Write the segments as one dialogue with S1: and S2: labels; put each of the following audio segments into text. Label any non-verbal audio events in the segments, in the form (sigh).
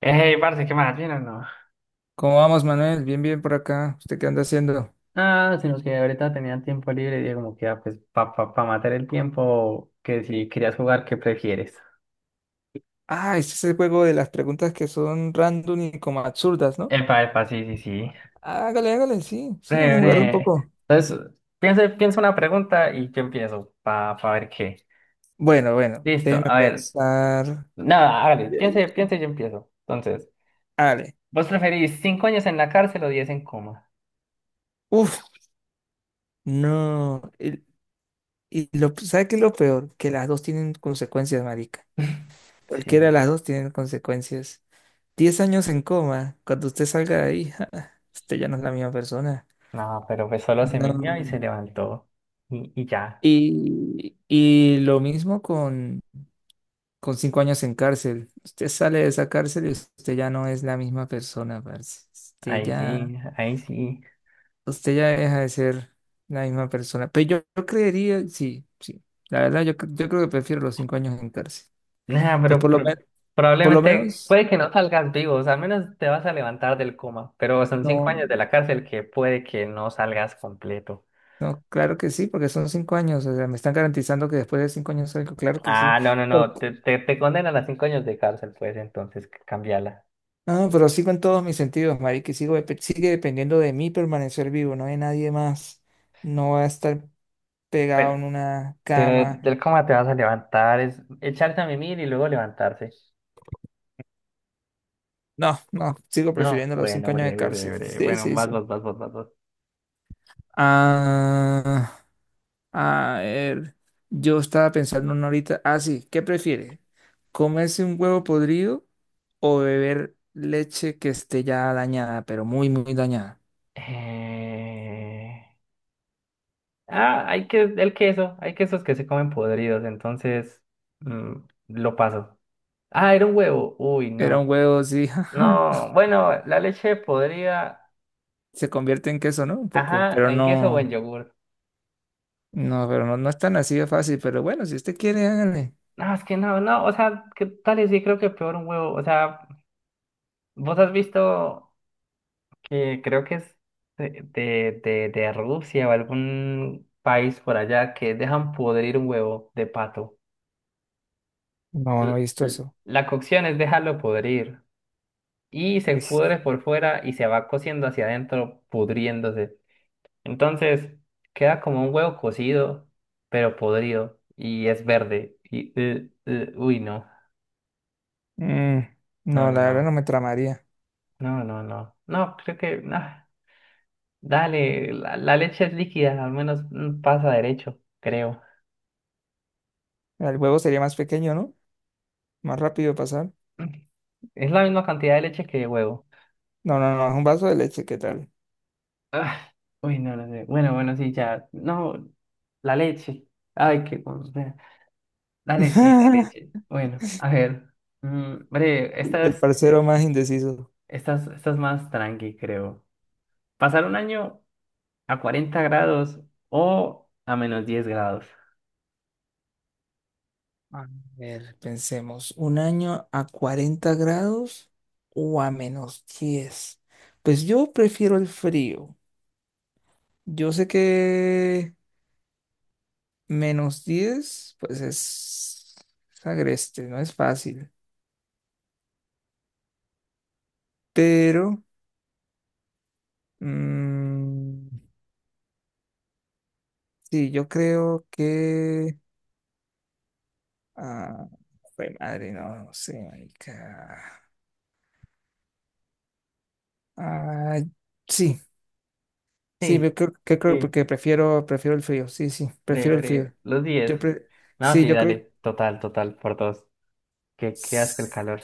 S1: Hey, parce, ¿qué más? ¿Bien o no?
S2: ¿Cómo vamos, Manuel? Bien, bien por acá. ¿Usted qué anda haciendo?
S1: Ah, sino que ahorita tenía tiempo libre y dije como que, ah, pues, pa matar el tiempo, que si querías jugar, ¿qué prefieres?
S2: Ah, este es ese juego de las preguntas que son random y como absurdas, ¿no?
S1: Epa, epa, sí, sí, sí.
S2: Hágale, hágale, sí, sí, vamos
S1: Bre,
S2: a jugarlo un
S1: bre.
S2: poco.
S1: Entonces, piensa, piensa una pregunta y yo empiezo, pa ver qué.
S2: Bueno, bueno,
S1: Listo,
S2: déjeme
S1: a ver.
S2: pensar.
S1: Nada, hágale, piense, piense y yo empiezo. Entonces,
S2: Hágale.
S1: ¿vos preferís 5 años en la cárcel o 10 en coma?
S2: Uf, no. Y, ¿sabe qué es lo peor? Que las dos tienen consecuencias, marica.
S1: (laughs) Sí,
S2: Cualquiera
S1: sí,
S2: de
S1: sí.
S2: las dos tienen consecuencias. 10 años en coma, cuando usted salga de ahí, (laughs) usted ya no es la misma persona.
S1: No, pero pues solo se me vio y
S2: No.
S1: se levantó. Y ya,
S2: Y lo mismo con 5 años en cárcel. Usted sale de esa cárcel y usted ya no es la misma persona, parce. Usted
S1: ahí
S2: ya,
S1: sí, ahí sí.
S2: usted ya deja de ser la misma persona. Pero yo creería, sí, sí. La verdad, yo creo que prefiero los 5 años en cárcel.
S1: Nah,
S2: Pues
S1: pero,
S2: por lo, men- por lo
S1: probablemente
S2: menos,
S1: puede que no salgas vivo, o sea, al menos te vas a levantar del coma, pero son cinco
S2: no,
S1: años de la cárcel que puede que no salgas completo.
S2: no, claro que sí, porque son 5 años. O sea, me están garantizando que después de 5 años salgo, claro que sí.
S1: Ah, no, no, no, te condenan a 5 años de cárcel, pues entonces cambiala.
S2: No, pero sigo en todos mis sentidos, marica, y sigue dependiendo de mí permanecer vivo, no hay nadie más. No va a estar pegado
S1: Bueno,
S2: en una
S1: pero
S2: cama.
S1: del coma te vas a levantar, es echarse a mimir y luego levantarse.
S2: No, no, sigo
S1: No,
S2: prefiriendo los
S1: bueno,
S2: 5 años
S1: breve,
S2: de
S1: breve,
S2: cárcel.
S1: breve.
S2: Sí,
S1: Bueno,
S2: sí,
S1: vas,
S2: sí.
S1: vas, vas, vas, vas, vas.
S2: Ah, a ver, yo estaba pensando en una ahorita. Ah, sí, ¿qué prefiere? ¿Comerse un huevo podrido o beber leche que esté ya dañada, pero muy, muy dañada?
S1: Eh... Ah, hay que, el queso, hay quesos que se comen podridos, entonces mm, lo paso. Ah, era un huevo. Uy,
S2: Era
S1: no.
S2: un huevo, sí.
S1: No,
S2: (laughs)
S1: bueno, la leche podría.
S2: Se convierte en queso, ¿no? Un poco,
S1: Ajá,
S2: pero
S1: en queso o en
S2: no.
S1: yogur.
S2: No, pero no, no es tan así de fácil, pero bueno, si usted quiere, hágale.
S1: No, es que no, o sea, ¿qué tal? Y sí, creo que peor un huevo. O sea, vos has visto que creo que es de Rusia o algún país por allá que dejan podrir un huevo de pato.
S2: No,
S1: L-
S2: no he visto eso.
S1: La cocción es dejarlo podrir y se
S2: Uis.
S1: pudre por fuera y se va cociendo hacia adentro, pudriéndose. Entonces, queda como un huevo cocido, pero podrido, y es verde. Y, uy, no,
S2: Mm,
S1: no,
S2: no,
S1: no,
S2: la verdad no
S1: no,
S2: me tramaría.
S1: no, no, no, no, creo que, ah, dale, la leche es líquida, al menos pasa derecho, creo. (laughs)
S2: El huevo sería más pequeño, ¿no? Más rápido pasar.
S1: Mm, Es la misma cantidad de leche que de huevo.
S2: No, no, no, es un vaso de leche, ¿qué tal?
S1: Ah, uy, no, no sé. Bueno, bueno, sí, ya, no, la leche. Ay, qué cosa. Dale, sí, la leche.
S2: (laughs)
S1: Bueno, a ver, breve,
S2: El parcero más indeciso.
S1: esta es más tranqui, creo. Pasar un año a 40 grados o a -10 grados.
S2: A ver, pensemos, ¿un año a 40 grados o a -10? Pues yo prefiero el frío. Yo sé que -10 pues es agreste, no es fácil. Pero, mm, sí, yo creo que... Ah, jue madre, no, no sé, marica. Ah, sí, sí,
S1: Sí,
S2: yo creo que creo
S1: sí,
S2: porque prefiero el frío, sí, sí,
S1: breve,
S2: prefiero el
S1: breve.
S2: frío.
S1: Los diez.
S2: Yo pre-
S1: No,
S2: sí,
S1: sí,
S2: yo creo,
S1: dale. Total, total, por dos. Qué asco el calor.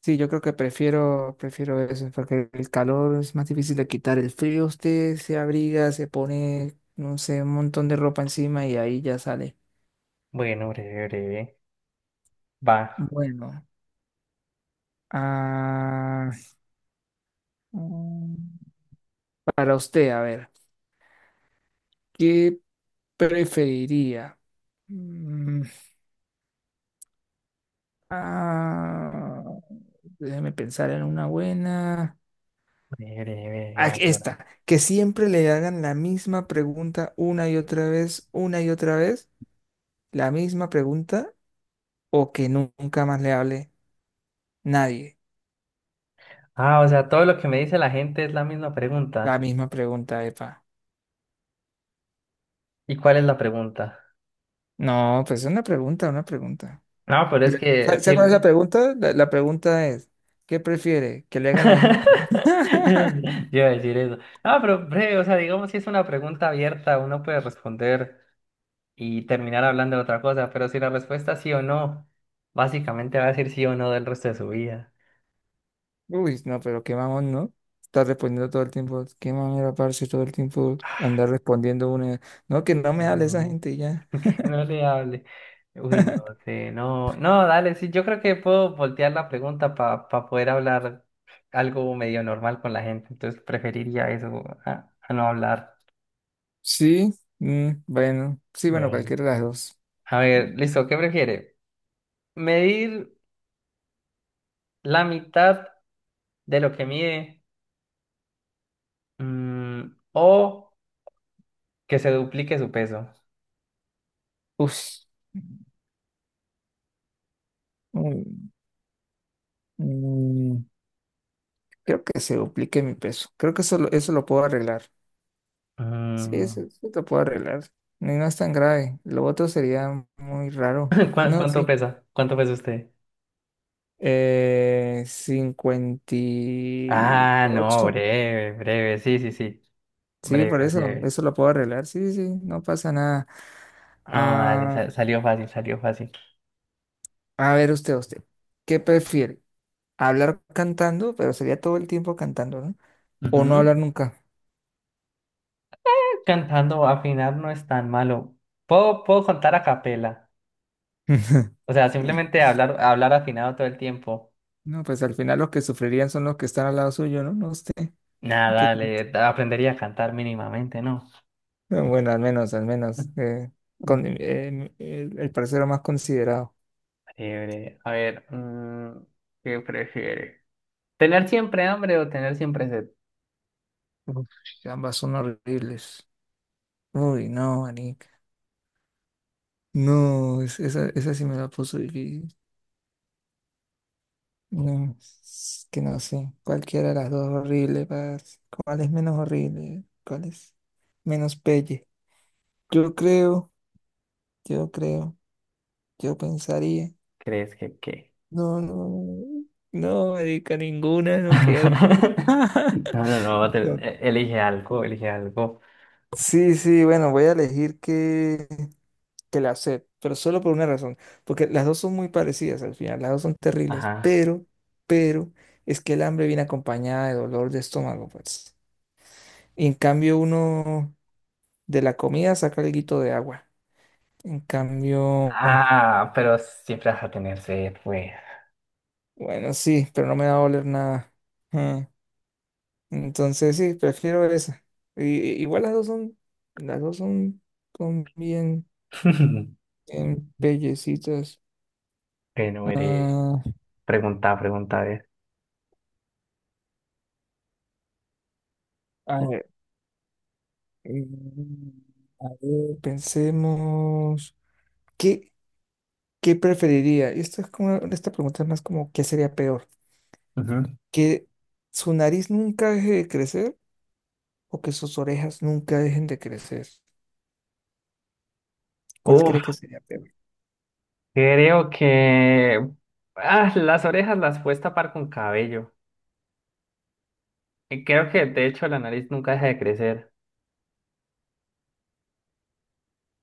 S2: sí, yo creo que prefiero eso, porque el calor es más difícil de quitar. El frío usted se abriga, se pone, no sé, un montón de ropa encima y ahí ya sale.
S1: Bueno, breve, breve. Va.
S2: Bueno, ah, mm, para usted, a ver, ¿qué preferiría? Mm, ah, Déjeme pensar en una buena.
S1: Breve, breve, breve,
S2: Ah,
S1: ahora.
S2: esta, que siempre le hagan la misma pregunta una y otra vez, una y otra vez, la misma pregunta, o que nunca más le hable nadie.
S1: Ah, o sea, todo lo que me dice la gente es la misma
S2: La
S1: pregunta.
S2: misma pregunta, epa.
S1: ¿Y cuál es la pregunta?
S2: No, pues es una pregunta, una pregunta.
S1: No, pero es
S2: Le- ¿Sabe
S1: que
S2: sabe
S1: sí.
S2: cuál es la
S1: (laughs)
S2: pregunta? La pregunta es, ¿qué prefiere? ¿Que le hagan la misma pregunta?
S1: Yo
S2: (laughs)
S1: iba a decir eso. No, pero breve, o sea, digamos si es una pregunta abierta, uno puede responder y terminar hablando de otra cosa, pero si la respuesta es sí o no, básicamente va a decir sí o no del resto de su vida.
S2: Uy, no, pero qué mamón, ¿no? Estar respondiendo todo el tiempo. Qué mamera, parce, todo el tiempo andar respondiendo una. No, que no me hable esa
S1: No,
S2: gente y ya.
S1: (laughs) no le hable. Uy, no sé, no, dale, sí, yo creo que puedo voltear la pregunta para poder hablar algo medio normal con la gente, entonces preferiría eso a, no hablar.
S2: Sí, mm, bueno. Sí, bueno,
S1: Bueno.
S2: cualquiera de las dos.
S1: A ver, listo, ¿qué prefiere? ¿Medir la mitad de lo que mide? O que se duplique su peso.
S2: Uf. Mm, mm. Creo que se duplique mi peso. Creo que eso lo puedo arreglar. Sí,
S1: Mm,
S2: eso lo puedo arreglar. No, no es tan grave. Lo otro sería muy raro. No,
S1: ¿Cuánto
S2: sí.
S1: pesa? ¿Cuánto pesa usted?
S2: Cincuenta y
S1: Ah, no,
S2: ocho
S1: breve, breve, sí, sí, sí,
S2: Sí, por
S1: breve,
S2: eso.
S1: breve.
S2: Eso lo puedo arreglar. Sí, sí, no pasa nada.
S1: No, dale,
S2: Ah,
S1: salió fácil, salió fácil.
S2: a ver usted. ¿Qué prefiere? ¿Hablar cantando, pero sería todo el tiempo cantando, no? ¿O no hablar
S1: Ujú.
S2: nunca?
S1: Cantando, afinar no es tan malo. Puedo contar a capela,
S2: (laughs)
S1: o sea, simplemente hablar, hablar afinado todo el tiempo.
S2: No, pues al final los que sufrirían son los que están al lado suyo, ¿no? No usted. ¿Qué
S1: Nada,
S2: tal?
S1: dale, aprendería a cantar mínimamente, ¿no?
S2: No, bueno, al menos, al
S1: (laughs)
S2: menos, con,
S1: Mm.
S2: el parcero más considerado.
S1: Breve, a ver, ¿qué prefiere? ¿Tener siempre hambre o tener siempre sed?
S2: Uf, ambas son horribles. Uy, no, manica. No, esa sí me la puso difícil. No, es que no sé. Cualquiera de las dos horrible, parce. ¿Cuál es menos horrible? ¿Cuál es menos pelle? Yo creo, yo creo, yo pensaría.
S1: ¿Crees que qué?
S2: No, no, no, marica, ninguna, no quiero.
S1: (laughs)
S2: (laughs)
S1: No, no, no, va a tener-
S2: No.
S1: e- elige algo, elige algo.
S2: Sí, sí, bueno, voy a elegir que la sed, pero solo por una razón, porque las dos son muy parecidas al final, las dos son terribles,
S1: Ajá.
S2: pero, es que el hambre viene acompañada de dolor de estómago, pues. Y en cambio uno de la comida saca el guito de agua. En cambio,
S1: Ah, pero siempre vas a tener sed, güey.
S2: bueno, sí, pero no me va a oler nada. Mm, Entonces, sí, prefiero esa. Igual las dos son, son bien,
S1: (laughs)
S2: bien pellecitas.
S1: Bueno, iré.
S2: Ah,
S1: Pregunta, pregunta, eh.
S2: a ver, mm, a ver, pensemos, ¿qué, qué preferiría? Y esto es como, esta pregunta es más como, ¿qué sería peor?
S1: Ujú.
S2: ¿Que su nariz nunca deje de crecer o que sus orejas nunca dejen de crecer? ¿Cuál
S1: Uf,
S2: cree que sería peor?
S1: creo que ah, las orejas las puedes tapar con cabello. Y creo que de hecho la nariz nunca deja de crecer.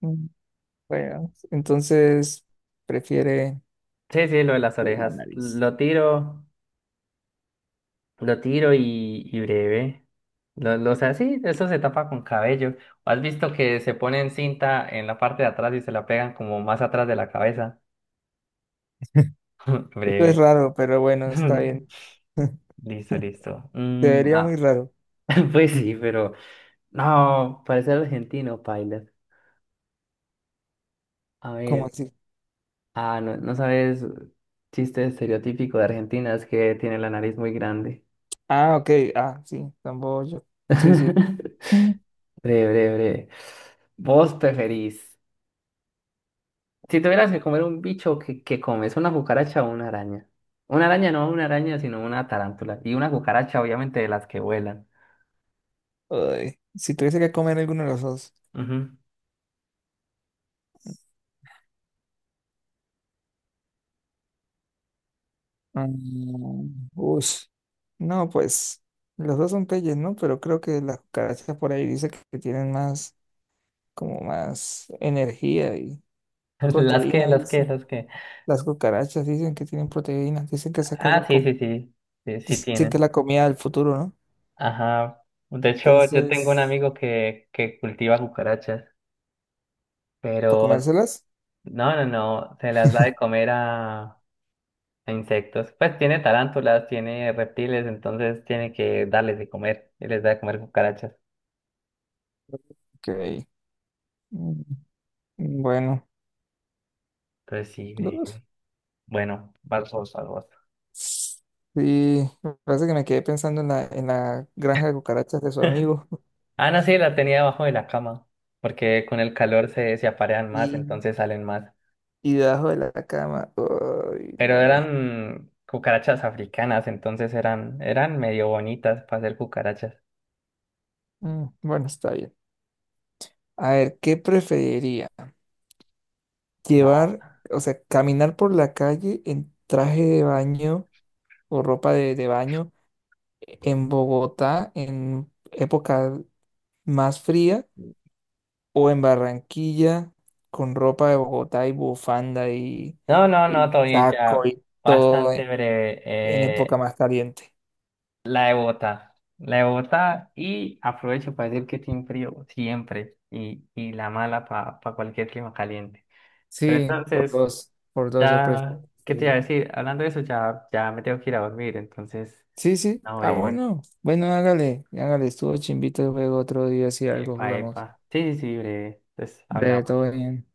S2: Mm, bueno, entonces prefiere
S1: Sí, sí, lo de las
S2: la
S1: orejas.
S2: nariz.
S1: Lo tiro. Lo tiro y breve. O sea, sí, eso se tapa con cabello. ¿O has visto que se ponen cinta en la parte de atrás y se la pegan como más atrás de la cabeza?
S2: (laughs)
S1: (laughs)
S2: Esto es
S1: Breve.
S2: raro, pero bueno, está
S1: (laughs)
S2: bien. (laughs) Se
S1: Listo, listo.
S2: vería muy raro,
S1: (laughs) Pues sí, pero no, parece argentino, Pilot. A
S2: como
S1: ver,
S2: así.
S1: ah, no, sabes, chiste estereotípico de Argentina es que tiene la nariz muy grande.
S2: Ah, ok, sí, tampoco yo. Sí, sí.
S1: (laughs) Breve, breve, breve. ¿Vos preferís? Si tuvieras que comer un bicho, ¿qué comes? ¿Una cucaracha o una araña? Una araña, no una araña, sino una tarántula. Y una cucaracha, obviamente, de las que vuelan.
S2: Ay, si tuviese que comer alguno de los dos.
S1: Ujú.
S2: Mm, ush. No, pues los dos son peyes, ¿no? Pero creo que las cucarachas por ahí dice que tienen más, como más energía y
S1: (laughs) Las que,
S2: proteína,
S1: las que,
S2: dicen.
S1: las que.
S2: Las cucarachas dicen que tienen proteínas,
S1: Ah, sí, sí, sí, sí, sí
S2: dicen que es
S1: tienen.
S2: la comida del futuro, ¿no?
S1: Ajá. De hecho, yo tengo un
S2: Entonces,
S1: amigo que cultiva cucarachas,
S2: ¿para
S1: pero
S2: comérselas?
S1: no, no, no, se las da de comer a, insectos. Pues tiene tarántulas, tiene reptiles, entonces tiene que darles de comer y les da de comer cucarachas.
S2: Ok. Mm, bueno.
S1: Entonces sí,
S2: Uf.
S1: breve. Bueno, barcos, barcos.
S2: Sí, me parece que me quedé pensando en la, granja de cucarachas de su amigo.
S1: Ana sí la tenía debajo de la cama, porque con el calor se aparean más,
S2: Y,
S1: entonces salen más.
S2: y debajo de la cama. Ay,
S1: Pero
S2: no.
S1: eran cucarachas africanas, entonces eran medio bonitas para ser cucarachas.
S2: Mm, bueno, está bien. A ver, ¿qué preferiría?
S1: No,
S2: Llevar, o sea, caminar por la calle en traje de baño o ropa de baño en Bogotá en época más fría o en Barranquilla con ropa de Bogotá y bufanda y,
S1: no, no, no,
S2: y
S1: todo bien,
S2: saco
S1: ya
S2: y todo
S1: bastante
S2: en,
S1: breve.
S2: en época más caliente.
S1: La de Bogotá. La de Bogotá, y aprovecho para decir que tiene frío siempre, y la mala para cualquier clima caliente. Pero
S2: Sí,
S1: entonces.
S2: por dos yo
S1: Ya,
S2: prefiero.
S1: ¿qué te iba a decir? Hablando de eso, ya, ya me tengo que ir a dormir, entonces,
S2: Sí, sí. Ah,
S1: ahora breve.
S2: bueno. Bueno, hágale, hágale. Estuvo chimbito el juego. Otro día si algo
S1: Epa,
S2: jugamos.
S1: epa. Sí, sí, sí, breve. Entonces,
S2: Breve,
S1: hablamos.
S2: todo bien.